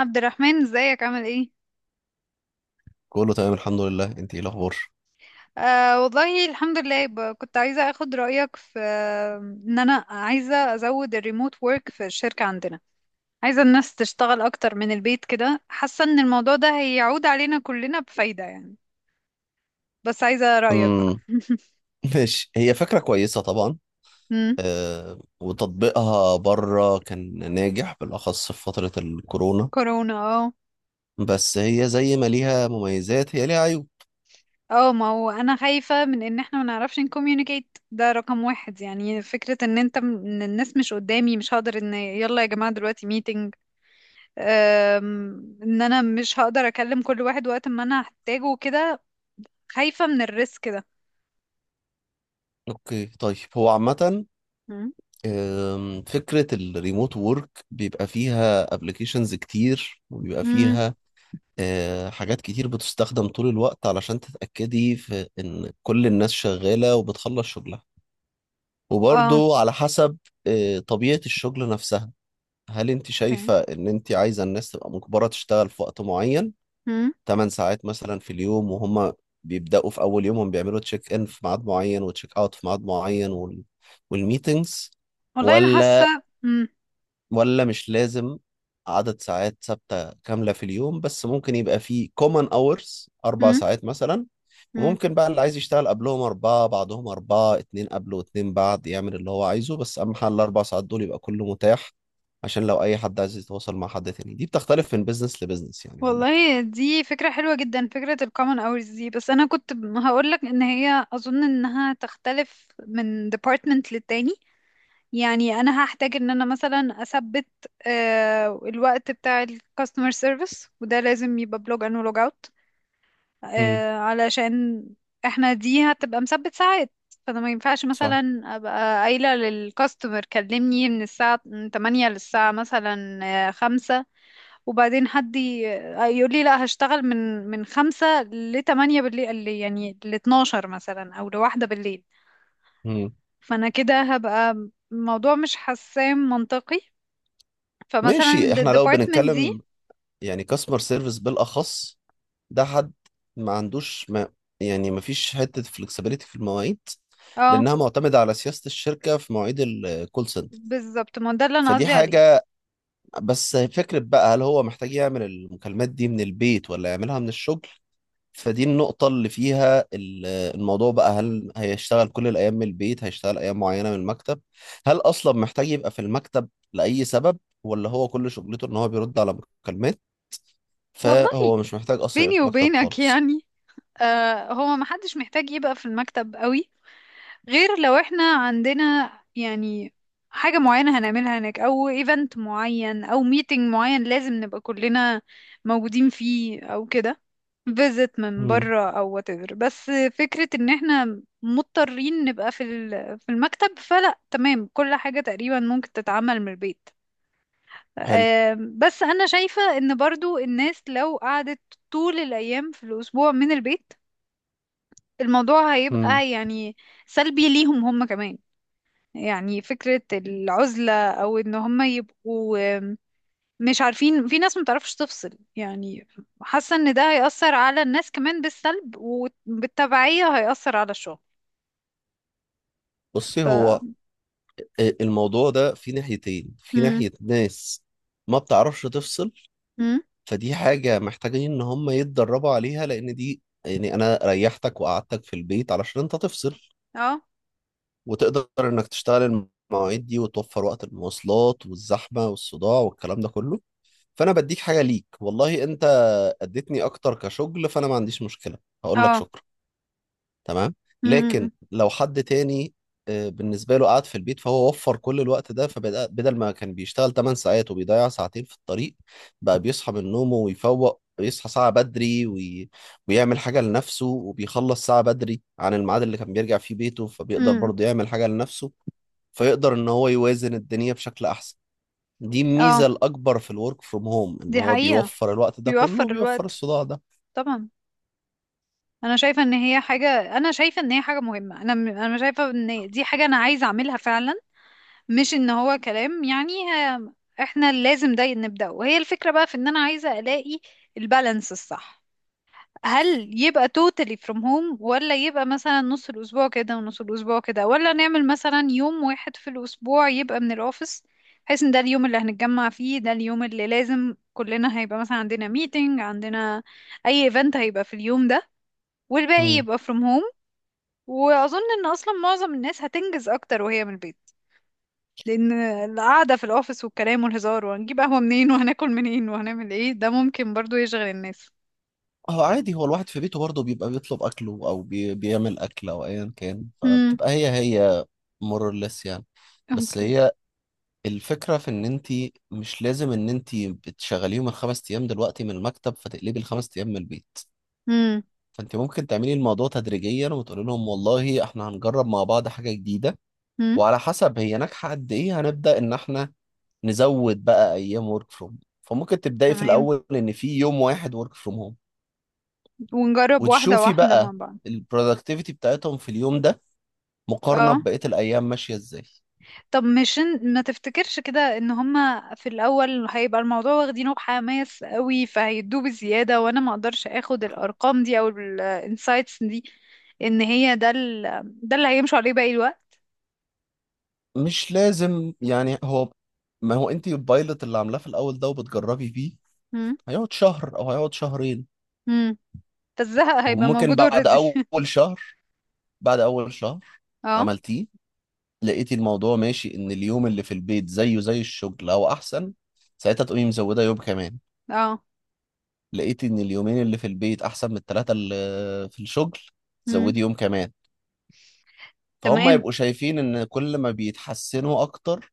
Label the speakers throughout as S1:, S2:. S1: عبد الرحمن، ازيك؟ عامل ايه؟
S2: كله تمام، الحمد لله. انت ايه الاخبار؟
S1: آه والله الحمد لله. كنت عايزة اخد رأيك في ان انا عايزة ازود الريموت وورك في الشركة عندنا. عايزة الناس تشتغل اكتر من البيت، كده حاسة ان الموضوع ده هيعود علينا كلنا بفايدة يعني. بس عايزة رأيك بقى.
S2: امم ماشي، هي فكره كويسه طبعا.
S1: مم،
S2: أه، وتطبيقها بره كان ناجح بالاخص في فتره الكورونا.
S1: كورونا، اه.
S2: بس هي زي ما ليها مميزات هي ليها عيوب.
S1: اه، ما هو انا خايفة من ان احنا ما نعرفش نكوميونيكيت، ده رقم واحد. يعني فكرة ان انت ان الناس مش قدامي، مش هقدر ان يلا يا جماعة دلوقتي meeting. ان انا مش هقدر اكلم كل واحد وقت ما انا هحتاجه وكده. خايفة من الريسك ده.
S2: اوكي، طيب. هو عامه
S1: مم.
S2: فكره الريموت وورك بيبقى فيها ابلكيشنز كتير وبيبقى
S1: امم،
S2: فيها حاجات كتير بتستخدم طول الوقت علشان تتاكدي في ان كل الناس شغاله وبتخلص شغلها.
S1: اه،
S2: وبرضو على حسب طبيعة الشغل نفسها. هل انت
S1: اوكي.
S2: شايفة ان انت عايزة الناس تبقى مجبرة تشتغل في وقت معين؟
S1: مم.
S2: 8 ساعات مثلا في اليوم، وهم بيبدأوا في اول يومهم بيعملوا تشيك ان في ميعاد معين وتشيك اوت في ميعاد معين، والميتينجز؟
S1: والله انا حاسة.
S2: ولا
S1: امم.
S2: ولا مش لازم عدد ساعات ثابتة كاملة في اليوم، بس ممكن يبقى في common hours أربع
S1: مم.
S2: ساعات مثلا.
S1: مم.
S2: وممكن بقى اللي عايز يشتغل قبلهم أربعة بعدهم أربعة، اتنين قبله واتنين بعد، يعمل اللي هو عايزه. بس أهم حاجة الأربع ساعات دول يبقى كله متاح، عشان لو أي حد عايز يتواصل مع حد تاني. دي بتختلف من بيزنس لبيزنس يعني عامة.
S1: والله دي فكرة حلوة جدا، فكرة الكومن hours دي. بس أنا كنت هقولك إن هي أظن إنها تختلف من department للتاني. يعني أنا هحتاج إن أنا مثلا أثبت الوقت بتاع ال customer service، وده لازم يبقى بلوج ان ولوج اوت،
S2: امم.
S1: علشان احنا دي هتبقى مثبت ساعات. فانا ما ينفعش
S2: صح.
S1: مثلا ابقى قايله للكاستمر كلمني من الساعه 8 للساعه مثلا 5، وبعدين حد يقول لي لا، هشتغل من من 5 ل 8 بالليل، يعني ل 12 مثلا او لواحدة بالليل.
S2: مم.
S1: فانا كده هبقى الموضوع مش حسام منطقي. فمثلا
S2: ماشي، احنا لو
S1: للديبارتمنت دي.
S2: بنتكلم يعني كاستمر سيرفيس بالأخص، ده حد ما عندوش ما يعني ما فيش حتة فلكسبيليتي في المواعيد،
S1: اه،
S2: لأنها معتمدة على سياسة الشركة في مواعيد الكول سنتر.
S1: بالظبط، ما ده اللي انا
S2: فدي
S1: قصدي عليه.
S2: حاجة. بس فكرة بقى، هل هو محتاج يعمل المكالمات دي من البيت ولا يعملها من الشغل؟ فدي النقطة اللي فيها الموضوع بقى، هل هيشتغل كل الأيام من البيت، هيشتغل أيام معينة من المكتب، هل أصلا محتاج يبقى في المكتب لأي سبب، ولا هو كل شغلته إن هو بيرد على مكالمات؟
S1: والله
S2: فهو مش محتاج أصلا يبقى
S1: بيني
S2: في المكتب
S1: وبينك
S2: خالص.
S1: يعني، آه هو محدش محتاج يبقى في المكتب قوي، غير لو احنا عندنا يعني حاجة معينة هنعملها هناك، أو ايفنت معين أو ميتنج معين لازم نبقى كلنا موجودين فيه، أو كده فيزت من
S2: مم.
S1: بره أو whatever. بس فكرة إن احنا مضطرين نبقى في في المكتب، فلا، تمام، كل حاجة تقريبا ممكن تتعمل من البيت.
S2: حلو.
S1: بس أنا شايفة إن برضو الناس لو قعدت طول الأيام في الأسبوع من البيت، الموضوع
S2: مم.
S1: هيبقى يعني سلبي ليهم هم كمان. يعني فكرة العزلة، أو إن هم يبقوا مش عارفين، في ناس متعرفش تفصل يعني. حاسة إن ده هيأثر على الناس كمان بالسلب، وبالتبعية هيأثر على الشغل.
S2: بصي،
S1: ف
S2: هو الموضوع ده في ناحيتين. في
S1: مم.
S2: ناحية ناس ما بتعرفش تفصل،
S1: مم.
S2: فدي حاجة محتاجين ان هم يتدربوا عليها، لان دي يعني انا ريحتك وقعدتك في البيت علشان انت تفصل
S1: اه،
S2: وتقدر انك تشتغل المواعيد دي وتوفر وقت المواصلات والزحمة والصداع والكلام ده كله. فانا بديك حاجة، ليك والله انت اديتني اكتر كشغل، فانا ما عنديش مشكلة. هقول لك
S1: اه.
S2: شكرا. تمام. لكن
S1: مم.
S2: لو حد تاني بالنسبة له قاعد في البيت، فهو وفر كل الوقت ده. فبدل ما كان بيشتغل 8 ساعات وبيضيع ساعتين في الطريق، بقى بيصحى من نومه ويفوق، بيصحى ساعة بدري ويعمل حاجة لنفسه، وبيخلص ساعة بدري عن الميعاد اللي كان بيرجع فيه بيته، فبيقدر
S1: مم.
S2: برضه يعمل حاجة لنفسه. فيقدر ان هو يوازن الدنيا بشكل احسن. دي
S1: اه،
S2: الميزة الأكبر في الورك فروم هوم، ان
S1: دي
S2: هو
S1: حقيقة،
S2: بيوفر الوقت ده كله
S1: بيوفر
S2: وبيوفر
S1: الوقت
S2: الصداع ده.
S1: طبعا. انا شايفه ان هي حاجه، مهمه انا شايفه ان دي حاجه انا عايزه اعملها فعلا، مش ان هو كلام يعني. احنا لازم ده نبدأ، وهي الفكرة بقى في ان انا عايزة الاقي البالانس الصح. هل يبقى totally from home، ولا يبقى مثلا نص الاسبوع كده ونص الاسبوع كده، ولا نعمل مثلا يوم واحد في الاسبوع يبقى من الاوفيس، بحيث ان ده اليوم اللي هنتجمع فيه، ده اليوم اللي لازم كلنا هيبقى مثلا عندنا meeting، عندنا اي event هيبقى في اليوم ده، والباقي يبقى from home. واظن ان اصلا معظم الناس هتنجز اكتر وهي من البيت، لان القعده في الاوفيس والكلام والهزار وهنجيب قهوه منين وهناكل منين وهنعمل ايه، ده ممكن برضو يشغل الناس.
S2: هو عادي، هو الواحد في بيته برضه بيبقى بيطلب اكله او بيعمل اكل او ايا كان،
S1: امم،
S2: فبتبقى هي هي مورلس يعني. بس
S1: اوكي.
S2: هي الفكره في ان انت مش لازم ان انت بتشغليهم الخمس ايام دلوقتي من المكتب فتقلبي الخمس ايام من البيت.
S1: امم،
S2: فانت ممكن تعملي الموضوع تدريجيا، وتقولي لهم والله احنا هنجرب مع بعض حاجه جديده،
S1: امم.
S2: وعلى حسب هي ناجحه قد ايه هنبدا ان احنا نزود بقى ايام ورك فروم. فممكن تبداي في
S1: تمام،
S2: الاول ان في يوم واحد ورك فروم هوم،
S1: ونجرب واحده
S2: وتشوفي
S1: واحده مع
S2: بقى
S1: بعض.
S2: البرودكتيفيتي بتاعتهم في اليوم ده مقارنة
S1: اه،
S2: ببقية الأيام ماشية إزاي.
S1: طب مش ما تفتكرش كده ان هما في الاول هيبقى الموضوع واخدينه بحماس قوي، فهيدوه بزياده، وانا ما اقدرش اخد الارقام دي او الانسايتس دي ان هي ده ال… ده اللي هيمشوا عليه باقي الوقت.
S2: مش لازم يعني. هو ما هو أنت البايلوت اللي عاملاه في الأول ده وبتجربي فيه
S1: امم،
S2: هيقعد شهر أو هيقعد شهرين.
S1: امم، فالزهق هيبقى
S2: وممكن
S1: موجود
S2: بعد
S1: اوريدي.
S2: شهر أول شهر
S1: اه،
S2: عملتيه، لقيتي الموضوع ماشي، إن اليوم اللي في البيت زيه زي الشغل أو أحسن، ساعتها تقومي مزودة يوم كمان.
S1: اه،
S2: لقيتي إن اليومين اللي في البيت أحسن من التلاتة اللي في الشغل، تزودي يوم كمان. فهم
S1: تمام.
S2: يبقوا شايفين ان كل ما بيتحسنوا اكتر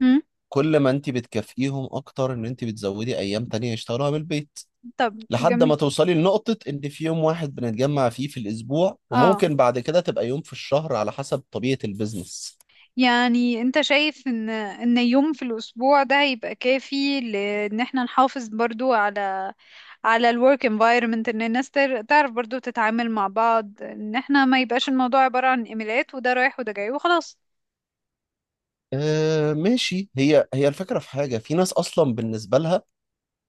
S1: مم.
S2: كل ما انت بتكافئيهم اكتر ان انت بتزودي ايام تانية يشتغلوها من البيت.
S1: طب
S2: لحد
S1: جميل.
S2: ما توصلي لنقطة ان في يوم واحد بنتجمع فيه في الاسبوع،
S1: اه،
S2: وممكن بعد كده تبقى يوم في الشهر على حسب طبيعة البيزنس.
S1: يعني انت شايف ان ان يوم في الاسبوع ده هيبقى كافي، لان احنا نحافظ برضو على على الورك environment، ان الناس تعرف برضو تتعامل مع بعض، ان احنا ما يبقاش الموضوع عبارة عن ايميلات وده رايح وده جاي وخلاص.
S2: آه، ماشي. هي هي الفكرة. في حاجة، في ناس اصلا بالنسبة لها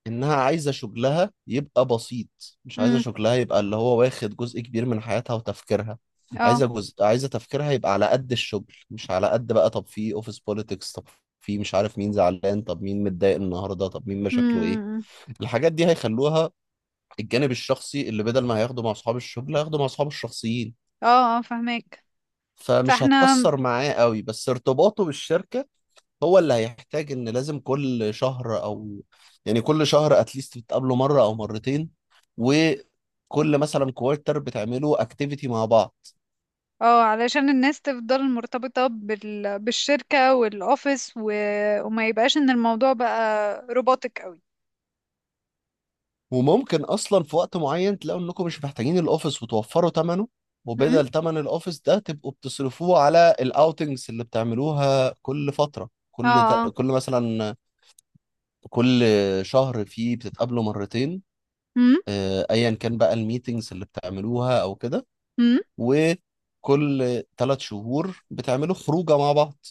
S2: انها عايزه شغلها يبقى بسيط، مش عايزه
S1: امم،
S2: شغلها يبقى اللي هو واخد جزء كبير من حياتها وتفكيرها.
S1: اه.
S2: عايزه جزء، عايزه تفكيرها يبقى على قد الشغل، مش على قد بقى. طب في اوفيس بوليتكس، طب في مش عارف مين زعلان، طب مين متضايق النهارده، طب مين مشاكله ايه.
S1: امم،
S2: الحاجات دي هيخلوها الجانب الشخصي اللي بدل ما هياخده مع اصحاب الشغل هياخده مع اصحابه الشخصيين.
S1: اه، اه، فهمك.
S2: فمش
S1: فاحنا،
S2: هتأثر معاه قوي، بس ارتباطه بالشركة هو اللي هيحتاج، ان لازم كل شهر يعني كل شهر اتليست بتقابله مره او مرتين، وكل مثلا كوارتر بتعملوا اكتيفيتي مع بعض.
S1: اه، علشان الناس تفضل مرتبطة بال… بالشركة والاوفيس و… وما يبقاش ان الموضوع بقى روبوتك
S2: وممكن اصلا في وقت معين تلاقوا انكم مش محتاجين الاوفيس وتوفروا ثمنه.
S1: قوي.
S2: وبدل ثمن الاوفيس ده تبقوا بتصرفوه على الاوتنجز اللي بتعملوها كل فتره،
S1: اه، اه.
S2: كل مثلا كل شهر فيه بتتقابلوا مرتين،
S1: امم،
S2: ايا كان بقى الميتنجز اللي بتعملوها او كده.
S1: امم،
S2: وكل ثلاث شهور بتعملوا خروجه مع بعض،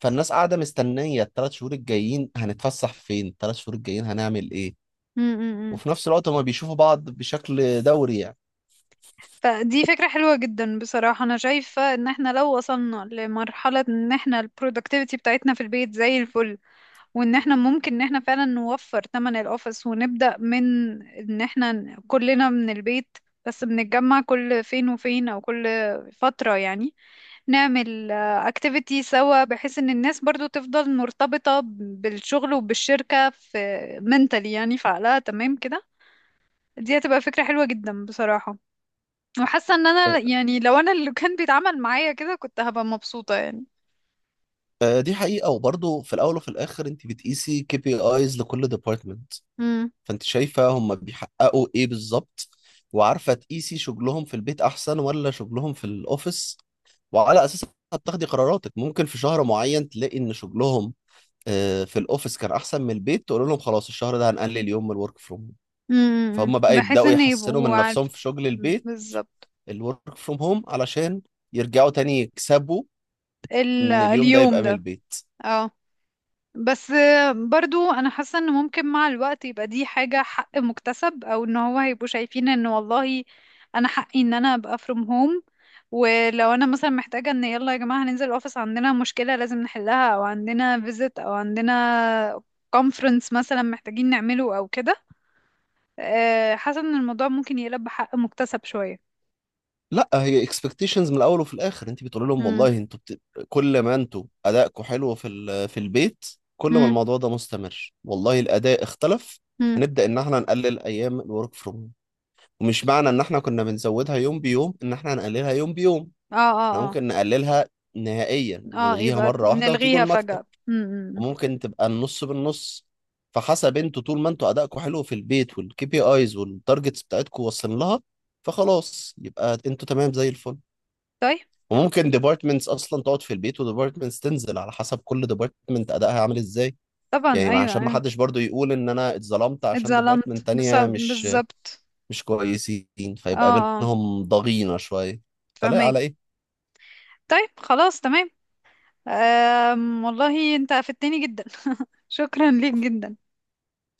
S2: فالناس قاعده مستنيه الثلاث شهور الجايين هنتفسح فين، الثلاث شهور الجايين هنعمل ايه.
S1: امم.
S2: وفي نفس الوقت هما بيشوفوا بعض بشكل دوري يعني.
S1: فدي فكرة حلوة جدا بصراحة. أنا شايفة إن احنا لو وصلنا لمرحلة إن احنا ال productivity بتاعتنا في البيت زي الفل، وإن احنا ممكن إن احنا فعلا نوفر تمن الأوفيس، ونبدأ من إن احنا كلنا من البيت، بس بنتجمع كل فين وفين، أو كل فترة يعني، نعمل activity سوا، بحيث إن الناس برضو تفضل مرتبطة بالشغل وبالشركة في mentally، يعني في عقلها، تمام كده. دي هتبقى فكرة حلوة جدا بصراحة. وحاسة ان انا
S2: أ-
S1: يعني لو انا اللي كان بيتعامل معايا كده كنت هبقى مبسوطة يعني.
S2: دي حقيقه. وبرضه في الاول وفي الاخر انت بتقيسي كي بي ايز لكل ديبارتمنت،
S1: امم،
S2: فانت شايفه هما بيحققوا ايه بالظبط وعارفه تقيسي شغلهم في البيت احسن ولا شغلهم في الاوفيس. وعلى اساسها بتاخدي قراراتك. ممكن في شهر معين تلاقي ان شغلهم في الاوفيس كان احسن من البيت، تقول لهم خلاص الشهر ده هنقلل يوم من الورك فروم هوم.
S1: امم،
S2: فهم بقى
S1: بحيث
S2: يبداوا
S1: ان
S2: يحسنوا
S1: يبقوا
S2: من نفسهم
S1: عارف.
S2: في شغل البيت
S1: بالظبط.
S2: الورك فروم هوم علشان يرجعوا تاني يكسبوا
S1: ال…
S2: ان اليوم ده
S1: اليوم
S2: يبقى من
S1: ده.
S2: البيت.
S1: اه، بس برضو انا حاسه ان ممكن مع الوقت يبقى دي حاجه حق مكتسب، او ان هو هيبقوا شايفين ان والله انا حقي ان انا ابقى from home. ولو انا مثلا محتاجه ان يلا يا جماعه هننزل الاوفيس، عندنا مشكله لازم نحلها او عندنا visit او عندنا conference مثلا محتاجين نعمله او كده. حاسه ان الموضوع ممكن يقلب بحق مكتسب شويه.
S2: لا، هي اكسبكتيشنز من الاول وفي الاخر انت بتقول لهم
S1: امم،
S2: والله انتوا كل ما انتوا ادائكم حلو في البيت، كل ما
S1: امم،
S2: الموضوع ده مستمر، والله الاداء اختلف،
S1: امم.
S2: هنبدا ان احنا نقلل ايام الورك فروم هوم. ومش معنى ان احنا كنا بنزودها يوم بيوم ان احنا هنقللها يوم بيوم.
S1: اه،
S2: احنا
S1: اه.
S2: ممكن نقللها نهائيا
S1: اه، اه،
S2: نلغيها
S1: يبقى
S2: مرة واحدة وتيجوا
S1: نلغيها
S2: المكتب.
S1: فجاه. امم.
S2: وممكن تبقى النص بالنص. فحسب انتوا، طول ما انتوا ادائكم حلو في البيت والكي بي ايز والتارجتس بتاعتكم واصلين لها، فخلاص يبقى انتوا تمام زي الفل.
S1: طيب.
S2: وممكن ديبارتمنتس اصلا تقعد في البيت وديبارتمنتس تنزل، على حسب كل ديبارتمنت ادائها عامل ازاي.
S1: طبعا،
S2: يعني
S1: ايوه
S2: عشان ما
S1: ايوه.
S2: حدش برضو يقول ان انا اتظلمت عشان ديبارتمنت تانية مش
S1: بالظبط.
S2: مش كويسين،
S1: اه،
S2: فيبقى
S1: اه،
S2: بينهم ضغينة شوية. فلا،
S1: فهمك.
S2: على ايه.
S1: طيب خلاص، تمام. أم، والله انت افدتني جدا. شكرا ليك جدا.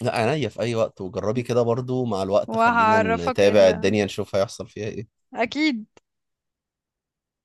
S2: لا، عينيا في اي وقت. وجربي كده برضو، مع الوقت خلينا
S1: وهعرفك
S2: نتابع
S1: ال…
S2: الدنيا نشوف هيحصل فيها ايه.
S1: اكيد.